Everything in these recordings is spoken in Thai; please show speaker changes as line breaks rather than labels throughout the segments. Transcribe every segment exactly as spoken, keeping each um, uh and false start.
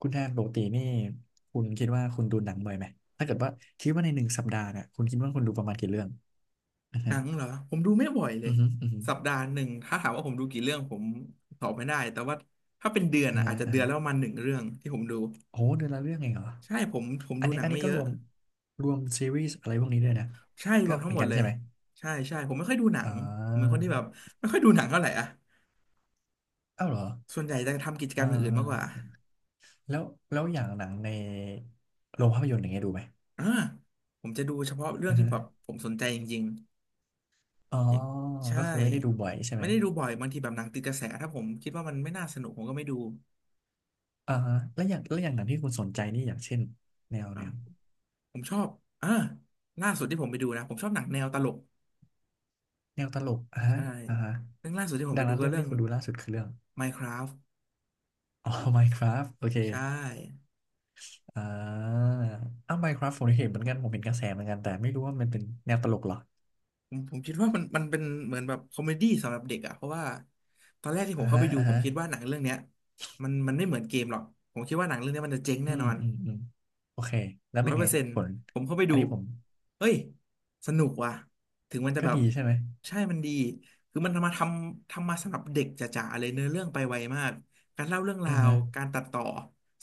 คุณแทนปกตินี่คุณคิดว่าคุณดูหนังบ่อยไหมถ้าเกิดว่าคิดว่าในหนึ่งสัปดาห์เนี่ยคุณคิดว่าคุณดูประมาณกี่เรื่องอ่า
หนั
ฮะ
งเหรอผมดูไม่บ่อยเล
อื
ย
อฮึอือฮึ
สัปดาห์หนึ่งถ้าถามว่าผมดูกี่เรื่องผมตอบไม่ได้แต่ว่าถ้าเป็นเดือน
อ่า
อ่ะ
ฮะ
อาจจะ
อ่า
เดือน
ฮะ
แล้วประมาณหนึ่งเรื่องที่ผมดู
โอ้เดือนละเรื่องเองเหรอ
ใช่ผมผม
อัน
ดู
นี้
หนั
อั
ง
นนี้
ไม่
ก็
เย
ร
อะ
วมรวมซีรีส์อะไรพวกนี้ด้วยนะ
ใช่ร
ก็
วม
เห
ทั้ง
มือน
หมด
กัน
เล
ใช่
ย
ไหม
ใช่ใช่ผมไม่ค่อยดูหนั
อ่
งผมเป็นคน
า
ที่แบบไม่ค่อยดูหนังเท่าไหร่อ่ะ
อ้าวเหรอ
ส่วนใหญ่จะทำกิจกร
อ่า
รมอย่างอื่นมากกว่า
อ่าแล้วแล้วอย่างหนังในโรงภาพยนตร์อย่างเงี้ยดูไหม
อ่าผมจะดูเฉพาะเรื่อ
อื
ง
อ
ที่
ฮึ
แบบผมสนใจจริง
อ๋อ
ๆอย่างใช่
ก็คือไม่ได้ดูบ่อยใช่ไหม
ไม่ได้ดูบ่อยบางทีแบบหนังติดกระแสถ้าผมคิดว่ามันไม่น่าสนุกผมก็ไม่ดู
อ่าฮะแล้วอย่างแล้วอย่างหนังที่คุณสนใจนี่อย่างเช่นแนวแนว
ผมชอบอ่าล่าสุดที่ผมไปดูนะ ผมชอบหนังแนวตลก
แนวตลกอ่าฮะ
ใช่
อ่าฮะ
เรื่องล่าสุดที่ผม
ดั
ไป
ง
ดู
นั้น
ก็
เรื่อง
เรื่อ
ที่
ง
คุณดูล่าสุดคือเรื่อง
Minecraft
อ๋อ Minecraft โอเค
ใช่
อ่าอ้าว Minecraft ผมเห็นเหมือนกันผมเห็นกระแสเหมือนกันแต่ไม่รู้ว่ามันเป็นแนวตลกเหรอ
ผมผมคิดว่ามันมันเป็นเหมือนแบบคอมเมดี้สำหรับเด็กอะเพราะว่าตอนแรกที่ผ
อ่า
มเข้า
ฮะ
ไปดู
อ่า
ผม
ฮะ
คิดว่าหนังเรื่องเนี้ยมันมันไม่เหมือนเกมหรอกผมคิดว่าหนังเรื่องเนี้ยมันจะเจ๊ง
อื
แน่
ม
นอน
อืมอืมโอเคแล้ว
ร้
เป็
อ
น
ยเปอ
ไง
ร์เซ็นต์
ผล
ผมเข้าไป
อัน
ดู
นี้ผม
เฮ้ยสนุกว่ะ ถึงมันจะ
ก็
แบบ
ดีใช่ไหม
ใช่มันดี คือมันทำมาทำทำมาสำหรับเด็กจ๋าๆเลยเนื้อเรื่องไปไวมาก การเล่าเรื่องรา
อ่า
ว
ฮะ
การตัดต่อ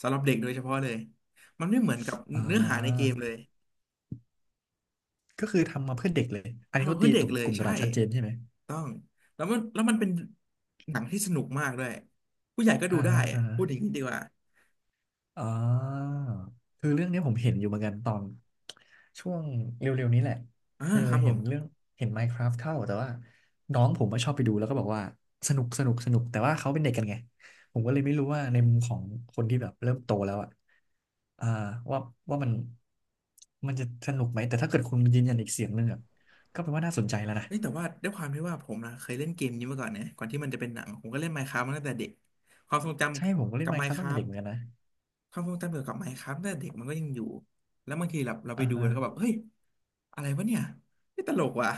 สำหรับเด็กโดยเฉพาะเลย มันไม่เหมือนกับ
อ่
เนื้อหาในเก
า
มเลย
ก็คือทำมาเพื่อเด็กเลยอันนี้
ทำมา
เขา
เพื่
ตี
อเด็
กล
กเลย
ุ่มต
ใช่
ลาดชัดเจนใช่ไหม
ต้องแล้วมันแล้วมันเป็นหนังที่สนุกมากด้วยผู้ใหญ่ก็ดู
อ่า
ได้
ฮะ
อะ
อ่าฮะ
พูดอย่างนี้ดีกว่า
อ่าคือเรื่องเนี้ยผมเห็นอยู่เหมือนกันตอนช่วงเร็วๆนี้แหละ
อ่า
เออ
ครับผ
เห็น
ม
เรื่องเห็น Minecraft เข้าแต่ว่าน้องผมก็ชอบไปดูแล้วก็บอกว่าสนุกสนุกสนุกแต่ว่าเขาเป็นเด็กกันไงผมก็เลยไม่รู้ว่าในมุมของคนที่แบบเริ่มโตแล้วอ่ะอ่าว่าว่ามันมันจะสนุกไหมแต่ถ้าเกิดคุณยืนยันอีกเสียงหนึ่งอ่ะก็แปลว่าน่าสนใจแล้วนะ
เฮ้ยแต่ว่าด้วยความที่ว่าผมนะเคยเล่นเกมนี้มาก่อนนะก่อนที่มันจะเป็นหนังผมก็เล่น Minecraft มน์คราฟตมาตั้งแต่เด็กความทรงจ
ใช่ผมก็
ำ
เล่
กั
น
บ
Minecraft ตั้งแต่
Minecraft
เด็กเหมือนกันนะ
คราฟต์ความทรงจำเกี่ยวกับ Minecraft ตตั้งแต่เด็กมันก็ยังอยู่ แล้วบางทีแบบเราไป
อ่า
ดู
ฮะ
แล้วก็แบบเฮ้ยอะไรวะเนี่ยนี่ตลกว่ะ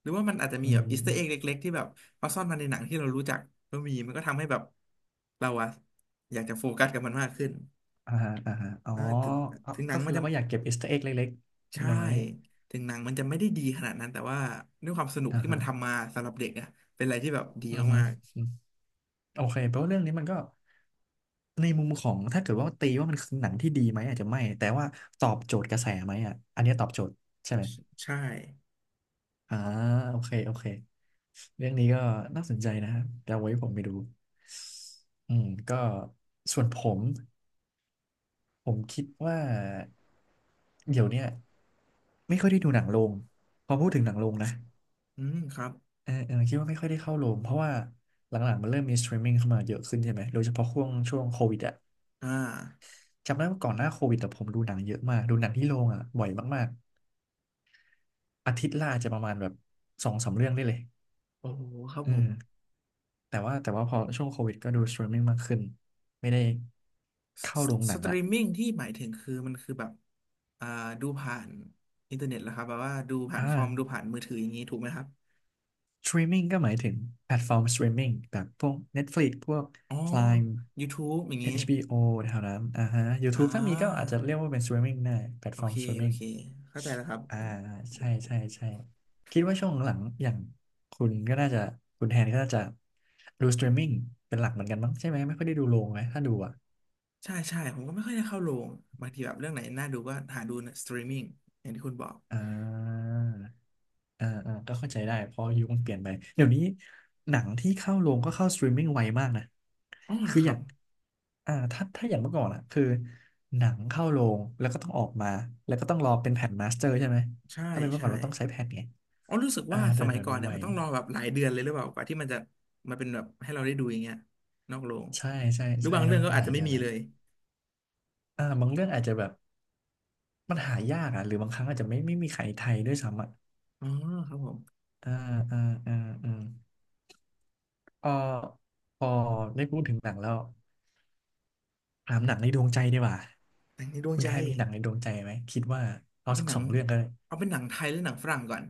หรือว่ามันอาจจะมี
อื
แบบอีสเตอร์เอ็ก
ม
เล็กๆที่แบบเขาซ่อนมาในหนังที่เรารู้จักก็มีมันก็ทำให้แบบเราอะอยากจะโฟกัสกับมันมากขึ้น
อ่าฮะอ่าฮะอ๋อ
เออถึง
เอา
ถึงหนั
ก็
ง
คื
มั
อ
น
เรา
จะ
ก็อยากเก็บอีเอสเตออาร์เอเล็ก
ใช่
ๆน้อย
ถึงหนังมันจะไม่ได้ดีขนาดนั้นแต่ว่าด้วยความสนุ
ๆ
ก
อ่า
ที่มั
ฮะ
นทำมาสำหรับเด็กอะเป็นอะไรที่แบบดี
อือฮึ
มาก
อืมโอเคแปลว่าเรื่องนี้มันก็ในมุมของถ้าเกิดว่าตีว่ามันคือหนังที่ดีไหมอาจจะไม่แต่ว่าตอบโจทย์กระแสไหมอ่ะอันเนี้ยตอบโจทย์ใช่ไหม
ๆใช่
อ่าโอเคโอเคเรื่องนี้ก็น่าสนใจนะเดี๋ยวไว้ผมไปดูอืมก็ส่วนผมผมคิดว่าเดี๋ยวเนี้ยไม่ค่อยได้ดูหนังโรงพอพูดถึงหนังโรงนะ
อืมครับ
เออเออคิดว่าไม่ค่อยได้เข้าโรงเพราะว่าหลังๆมันเริ่มมีสตรีมมิ่งเข้ามาเยอะขึ้นใช่ไหมโดยเฉพาะช่วงช่วงโควิดอะ
อ่า
จำได้ว่าก่อนหน้าโควิดแต่ผมดูหนังเยอะมากดูหนังที่โรงอะบ่อยมากๆอาทิตย์ละอาจจะประมาณแบบสองสามเรื่องได้เลย
โอ้โหครับ
อื
ผ
ม
ม
แต่ว่าแต่ว่าพอช่วงโควิดก็ดูสตรีมมิ่งมากขึ้นไม่ได้
ส
เข้า
ส
โรงห
ส
นัง
ต
ละ
รีมมิ่งที่หมายถึงคือมันคือแบบอ่าดูผ่านอินเทอร์เน็ตแล้วครับแบบว่าดูผ่าน
อ่า
คอมดูผ่านมือถืออย่างนี้ถูกไหมครับ
Streaming ก็หมายถึงแพลตฟอร์มส t r e มมิ n g แบบพวก Netflix พวก
อ๋อ
Prime
YouTube อย่างนี้
เอช บี โอ แถวนั้นอ่าฮะ
อ่
YouTube ถ้ามีก็
า
อาจจะเรียกว่าเป็น s t r e a m i n g ได้แพลต
โอ
ฟอร์ม
เค
ส t r e ม
โอ
มิ n ง
เคเข้าใจแล้วครับ
อ่าใช่ใช่ใช่คิดว่าช่วงหลังอย่างคุณก็น่าจะคุณแทนก็น่าจะดูส t r e มมิ n งเป็นหลักเหมือนกันมั้งใช่ไหมไม่ค่อยได้ดูโรงไหมถ้าดูอ่ะ
ใช่ใช่ผมก็ไม่ค่อยได้เข้าโรงบางทีแบบเรื่องไหนน่าดูก็หาดูสตรีมมิ่งอย่างที่คุณบอก
อ่า อ่าอ่าก็เข้าใจได้เพราะยุคมันเปลี่ยนไปเดี๋ยวนี้หนังที่เข้าโรงก็เข้าสตรีมมิ่งไวมากนะ
อ๋อเหร
คื
อ
อ
ค
อ
รั
ย่า
บ
งอ่าถ้าถ้าอย่างเมื่อก่อนอะคือหนังเข้าโรงแล้วก็ต้องออกมาแล้วก็ต้องรอเป็นแผ่นมาสเตอร์ใช่ไหม
ใช่
ถ้าเป็นเมื่อ
ใช่
ก่อนเราต้องใช้แผ่นไง
อ๋อรู้สึก
อ่า
ว่าส
เดี๋ยว
มัย
เดี๋ยว
ก่อน
นี้
เนี่ย
ไว
มันต้องรอแบบหลายเดือนเลยหรือเปล่ากว่าที่มันจะมาเป็นแบบให้เราได้ดูอย่างเงี้ยนอกโรง
ใช่ใช่
หรือ
ใช่
บาง
ค่
เรื่
อ
อ
น
งก็
ข้าง
อา
ห
จ
ลา
จะ
ย
ไม่
เดือน
มี
เลย
เลย
อ่าบางเรื่องอาจจะแบบมันหายากอ่ะหรือบางครั้งอาจจะไม่ไม่มีใครไทยด้วยซ้ำอ่ะ
อ๋อครับผม
อ่าอ่าอ่าอ่าเอ่อพอได้พูดถึงหนังแล้ว ถามหนังในดวงใจดีกว่า
หนังในดวง
คุณ
ใจ
แทนมีหนังในดวงใจไหมคิดว่าเอา
เอาเป็
สั
น
ก
หนั
ส
ง
องเรื่องก็ได้
เอาเป็นหนังไทยหรือหนังฝรั่งก่อน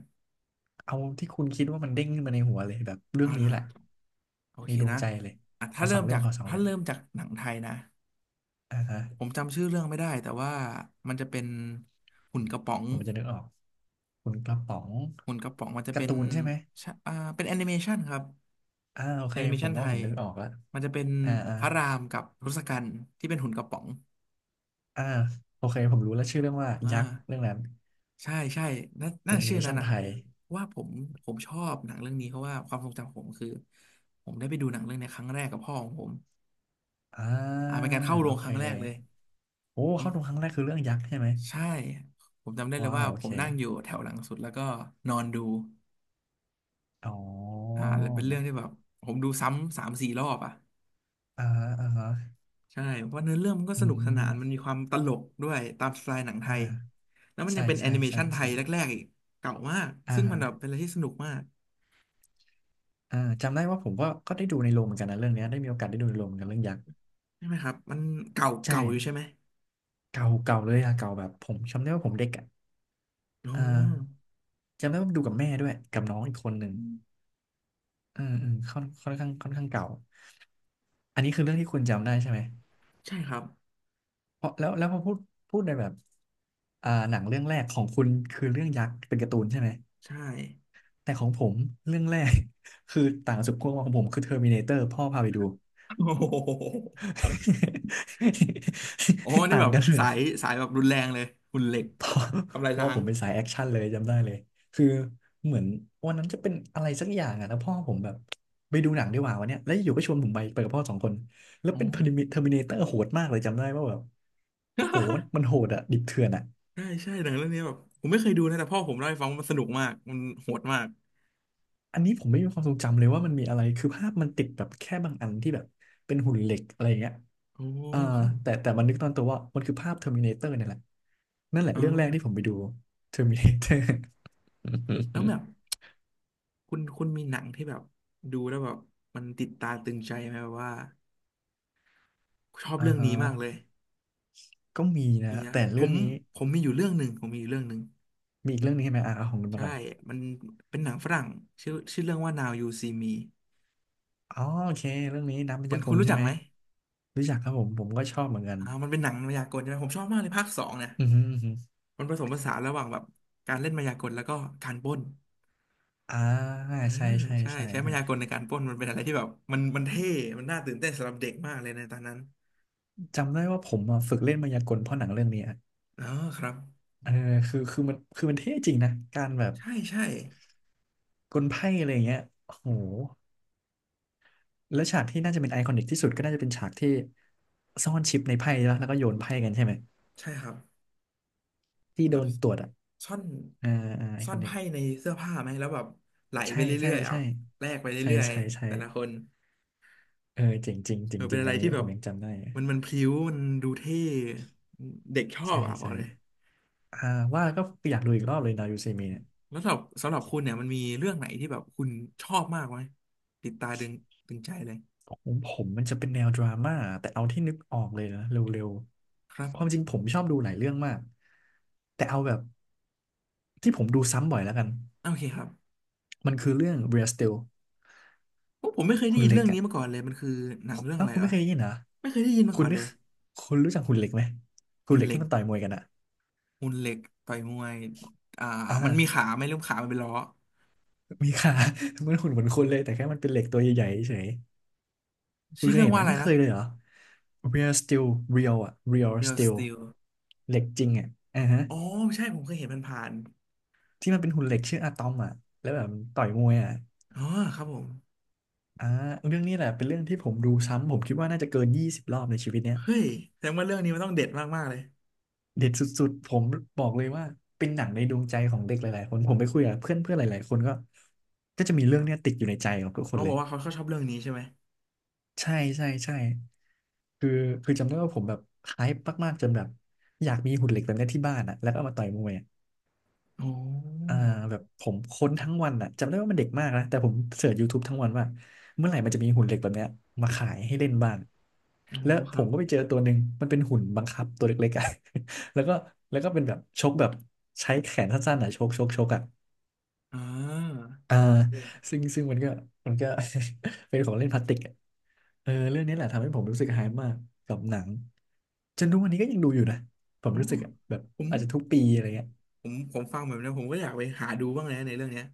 เอาที่คุณคิดว่ามันเด้งขึ้นมาในหัวเลยแบบเรื่อง
เอาเหร
นี้
อ
แหละ
โอ
ใน
เค
ดวง
นะ
ใจเลย
อ่ะ
ข
ถ้า
อส
เริ่
อง
ม
เรื่
จา
อง
ก
ขอสอง
ถ้า
เรื่อง
เริ่มจากหนังไทยนะ
อ่าฮะ
ผมจำชื่อเรื่องไม่ได้แต่ว่ามันจะเป็นหุ่นกระป๋อง
ผมจะนึกออกคุณกระป๋อง
หุ่นกระป๋องมันจะ
กา
เป็
ร์
น
ตูนใช่ไหม
ชะอ่าเป็นแอนิเมชันครับ
อ่าโอเค
แอนิเม
ผ
ชั
ม
นไท
ว่าผ
ย
มนึกออกแล้ว
มันจะเป็น
อ่าอ่า
พระรามกับทศกัณฐ์ที่เป็นหุ่นกระป๋อง
อ่าโอเคผมรู้แล้วชื่อเรื่องว่ายั
อ่า
กษ์เรื่องนั้น
ใช่ใช่น่า
เป็
น่า
นแอนิ
ชื่อ
เม
นั้
ชั
น
น
นะ
ไทย
ว่าผมผมชอบหนังเรื่องนี้เพราะว่าความทรงจำของผมคือผมได้ไปดูหนังเรื่องเนี้ยครั้งแรกกับพ่อของผม
อ่า
อ่าเป็นการเข้าโร
โอ
งค
เค
รั้งแรกเลย
โอ้เข้าดูครั้งแรกคือเรื่องยักษ์ใช่ไหม
ใช่ผมจำได้เลย
ว้า
ว่า
วโอ
ผ
เค
มนั่งอยู่แถวหลังสุดแล้วก็นอนดู
อ๋อ
อ่าเป็นเรื่องที่แบบผมดูซ้ำสามสี่รอบอ่ะ
อ่าฮะอ่าฮะ
ใช่เพราะเนื้อเรื่องมันก็
อื
สนุกสนานมันมี
ม
ความตลกด้วยตามสไตล์หนังไท
อ่า
ยแล้วมัน
ใช่
ยังเป็นแอ
ใช่
นิเม
ใช่
ชันไท
ใช่
ยแรกๆอีกเก่ามาก
อ่า
ซึ่งมั
ฮะ
นแบบเป็นอะไรที่สนุกมาก
อ่าจำได้ว่าผมก็ก็ได้ดูในโรงเหมือนกันนะเรื่องเนี้ยได้มีโอกาสได้ดูในโรงเหมือนกันเรื่องยักษ์
ใช่ไหมครับมันเก่า
ใช่
เก่าอยู่ใช่ไหม
เก่าเก่าเลยอะเก่าแบบผมจำได้ว่าผมเด็กอะ
อ๋อ
อ่าจำได้ว่าดูกับแม่ด้วยกับน้องอีกคนหนึ่งอืมอืมค่อนค่อนข้างค่อนข้างเก่าอันนี้คือเรื่องที่คุณจำได้ใช่ไหม
ใช่ครับ
เพราะแล้วแล้วพอพูดพูดในแบบอ่าหนังเรื่องแรกของคุณคือเรื่องยักษ์เป็นการ์ตูนใช่ไหม
ใช่
แต่ของผมเรื่องแรก คือต่างสุดขั้วของผมคือเทอร์มินาเตอร์พ่อพาไปดู
โอ้โหโอ้ นี่
ต่า
แบ
ง
บ
กันแบ
สา
บ
ย สายแบบรุนแรงเลยหุ่นเหล็ก
พ่อ
ทำลาย
พ่อ
ล้า
ผ
ง
มเป็นสายแอคชั่นเลยจำได้เลยคือเหมือนวันนั้นจะเป็นอะไรสักอย่างอะแล้วพ่อผมแบบไปดูหนังดีกว่าวันเนี้ยแล้วอยู่ก็ชวนผมไปไปกับพ่อสองคนแล้ว
อ๋
เป็นเทอร์ม
อ
ิเนเตอร์โหดมากเลยจำได้ว่าแบบโหมั นมันโหดอะดิบเถื่อนอะ
ใช่ใช่หนังเรื่องนี้แบบผมไม่เคยดูนะแต่พ่อผมเล่าให้ฟังว่ามันสนุกมากมันโหดมาก
อันนี้ผมไม่มีความทรงจำเลยว่ามันมีอะไร คือภาพมันติดแบบแค่บางอันที่แบบเป็นหุ่นเหล็กอะไรอย่างเงี้ย
โอ้
อ่า
ครับ
แต่แต่มันนึกตอนตัวว่ามันคือภาพ Terminator เนี่ยแหละนั่นแหละ
อ่
เรื่องแรกที่ผม
า
ไปดู Terminator
แล้วแบ บ คุณคุณมีหนังที่แบบดูแล้วแบบมันติดตาตึงใจไหมแบบว่าชอบ
อ่า
เรื่อง
ฮะ
นี้มากเลย
ก็มีนะ
มีนะ
แต่
ผ
เรื่อง
ม
นี้
ผมมีอยู่เรื่องหนึ่งผมมีอยู่เรื่องหนึ่ง
มีอีกเรื่องนี้ใช่ไหมอ่ะเอาของคุณมา
ใช่
ก่อน
มันเป็นหนังฝรั่งชื่อชื่อเรื่องว่า Now You See Me
อ๋อโอเคเรื่องนี้นักพ
คุณ
ยาก
คุณ
ล
รู้
ใช่
จัก
ไหม
ไหม
รู้จักครับผมผมก็ชอบเหมือนกัน
อ่ามันเป็นหนังมายากลใช่ไหมผมชอบมากเลยภาคสองเนี่ย
อือฮึอือฮึ
มันผสมผสานระหว่างแบบการเล่นมายากลแล้วก็การปล้น
อ่า
เออ
ใช่ใช่
ใช่
ใช่
ใช้มา
ใช่
ยากลในการปล้นมันเป็นอะไรที่แบบมันมันเท่มันน่าตื่นเต้นสำหรับเด็กมากเลยในตอนนั้น
จำได้ว่าผมอะฝึกเล่นมายากลเพราะหนังเรื่องนี้อะ
อ๋อครับ
เออคือคือมันคือมันเท่จริงนะการแบบ
ใช่ใช่
กลไพ่อะไรอย่างเงี้ยโอ้โหแล้วฉากที่น่าจะเป็นไอคอนิกที่สุดก็น่าจะเป็นฉากที่ซ่อนชิปในไพ่แล้วแล้วก็โยนไพ่กันใช่ไหม
ใช่ครับ
ที่
แบ
โด
บ
นตรวจอ่ะ
ซ่อน
อ่าอ่าไอ
ซ่อ
คอ
น
นิก
ไพ่ในเสื้อผ้าไหมแล้วแบบไหลไป
ใช่
เรื่
ใช่
อยๆอ่ะ
ใช่
แลกไป
ใช่
เรื่อย
ใช่
ๆแต่ละค
ใช่
น
เออเจ๋งจริงจ
เอ
ริง
อ
จ
เป็
ริ
น
ง
อะ
อั
ไร
นนี้
ที่แบ
ผ
บ
มยังจำได้
มันมันพลิ้วมันดูเท่เด็กชอบ
ใช่
อ่ะบอ
ใช่
กเลย
อ่าว่าแล้วก็อยากดูอีกรอบเลยนายูเซมิเนี่ย
แล้วสำหรับสำหรับคุณเนี่ยมันมีเรื่องไหนที่แบบคุณชอบมากไหมติดตาดึงดึงใจเลย
ของผมมันจะเป็นแนวดราม่าแต่เอาที่นึกออกเลยนะเร็ว
ครับ
ๆความจริงผมชอบดูหลายเรื่องมากแต่เอาแบบที่ผมดูซ้ำบ่อยแล้วกัน
โอเคครับ
มันคือเรื่อง Real Steel
โอ้ผมไม่เคยได้
คุณ
ยิน
เล็
เรื่
ก
องนี้
อ่ะ
มาก่อนเลยมันคือหนังเรื่อง
อ้า
อะ
ว
ไร
คุณ
เหรอ
ไม่เคยได้ยินนะ
ไม่เคยได้ยินมา
คุ
ก่
ณ
อน
นึ
เล
ก
ย
คุณรู้จักคุณเล็กไหมคุณ
หุ่น
เล็ก
เหล็
ที่
ก
มันต่อยมวยกันอ่ะ
หุ่นเหล็กต่อยมวยอ่ามันมี
อ่า
ขาไหมหรือขามันเป็นล้อ
มีค่ะ มันหุ่นเหมือนคนเลยแต่แค่มันเป็นเหล็กตัวใหญ่ๆเฉยคุณ
ชื่อ
เคย
เรื่อง
เห็นไห
ว่า
ม
อะไร
ไม่เค
นะ
ยเลยเหรอ Real Steel Real อ่ะ Real
Real
Steel
Steel
เหล็กจริงอ่ะอ่าฮะ
อ๋อใช่ผมเคยเห็นมันผ่าน
ที่มันเป็นหุ่นเหล็กชื่ออะตอมอ่ะแล้วแบบมันต่อยมวยอ่ะ
ๆอ๋อครับผม
อ่าเรื่องนี้แหละเป็นเรื่องที่ผมดูซ้ำผมคิดว่าน่าจะเกินยี่สิบรอบในชีวิตเนี้ย
เฮ้ยแสดงว่าเรื่องนี้มันต้องเด็ดมากๆเลย
เด็ดสุดๆผมบอกเลยว่าเป็นหนังในดวงใจของเด็กหลายๆคนผมไปคุยกับเพื่อนเพื่อนหลายๆคนก็ก็จะมีเรื่องเนี้ยติดอยู่ในใจของทุกค
เขา
นเล
บอ
ย
กว่าเขาเขาชอบเรื่องนี้ใช่ไหม
ใช่ใช่ใช่คือคือจำได้ว่าผมแบบไฮป์มากๆจนแบบอยากมีหุ่นเหล็กแบบเนี้ยที่บ้านอ่ะแล้วก็เอามาต่อยมวย
โอ้
อ่าแบบผมค้นทั้งวันอ่ะจำได้ว่ามันเด็กมากนะแต่ผมเสิร์ช YouTube ทบทั้งวันว่าเมื่อไหร่มันจะมีหุ่นเหล็กแบบเนี้ยมาขายให้เล่นบ้าง
โอ้
แล้ว
ค
ผ
รั
ม
บ
ก็ไปเจอตัวหนึ่งมันเป็นหุ่นบังคับตัวเล็กๆอ่ะ แล้วก็แล้วก็เป็นแบบชกแบบใช้แขนสั้นๆอ่ะชกชกชกอ่ะ
อ่า
อ่า
เก่ง
ซึ่งซึ่งมันก็มันก็ เป็นของเล่นพลาสติกอะเออเรื่องนี้แหละทำให้ผมรู้สึกหายมากกับหนังจนทุกวันนี้ก็ยังดูอยู่นะผม
โอ้
รู้สึกอะแบบ
ผม
อาจจะทุกปีอะไรเงี้ย
ผมผมฟังแบบนี้ผมก็อยากไปหาดูบ้างนะในเรื่องเนี้ย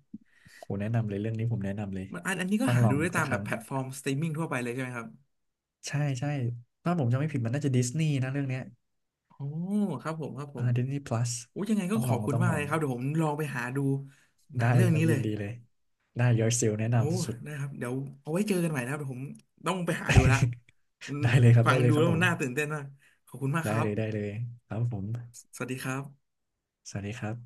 โหแนะนำเลยเรื่องนี้ผมแนะนำเลย
มันอันอันนี้ก็
ต้อง
หา
ลอ
ดู
ง
ได้ตา
สัก
ม
ค
แบบ
รั้ง
แพลตฟอร์มสตรีมมิ่งทั่วไปเลยใช่ไหมครับ
ใช่ใช่ถ้าผมจำไม่ผิดมันน่าจะดิสนีย์นะเรื่องเนี้ย
โอ้ครับผมครับผ
อ่า
ม
ดิสนีย์ plus
โอ้ยังไงก็
ต้อง
ข
ล
อ
อง
บคุณ
ต้อง
มาก
ลอ
เลย
ง
ครับเดี๋ยวผมลองไปหาดูหนั
ได้
ง
เล
เรื่อ
ย
ง
ครั
นี้
บ
เล
ยิน
ย
ดีเลย ได้ Your Seal แนะ
โอ้
นำสุด
ได้ครับ เดี๋ยวเอาไว้เจอกันใหม่นะครับเดี๋ยวผมต้องไปหาดูละ
ๆ
มัน
ได้เลยครับ
ฟัง
ได้เล
ดู
ยครั
แล้
บ
ว
ผ
มัน
ม
น่าตื่นเต้นมาก ขอบคุณมาก
ได้
ครับ
เลยได้เลยครับผม
สวัสดีครับ
สวัสดีครับ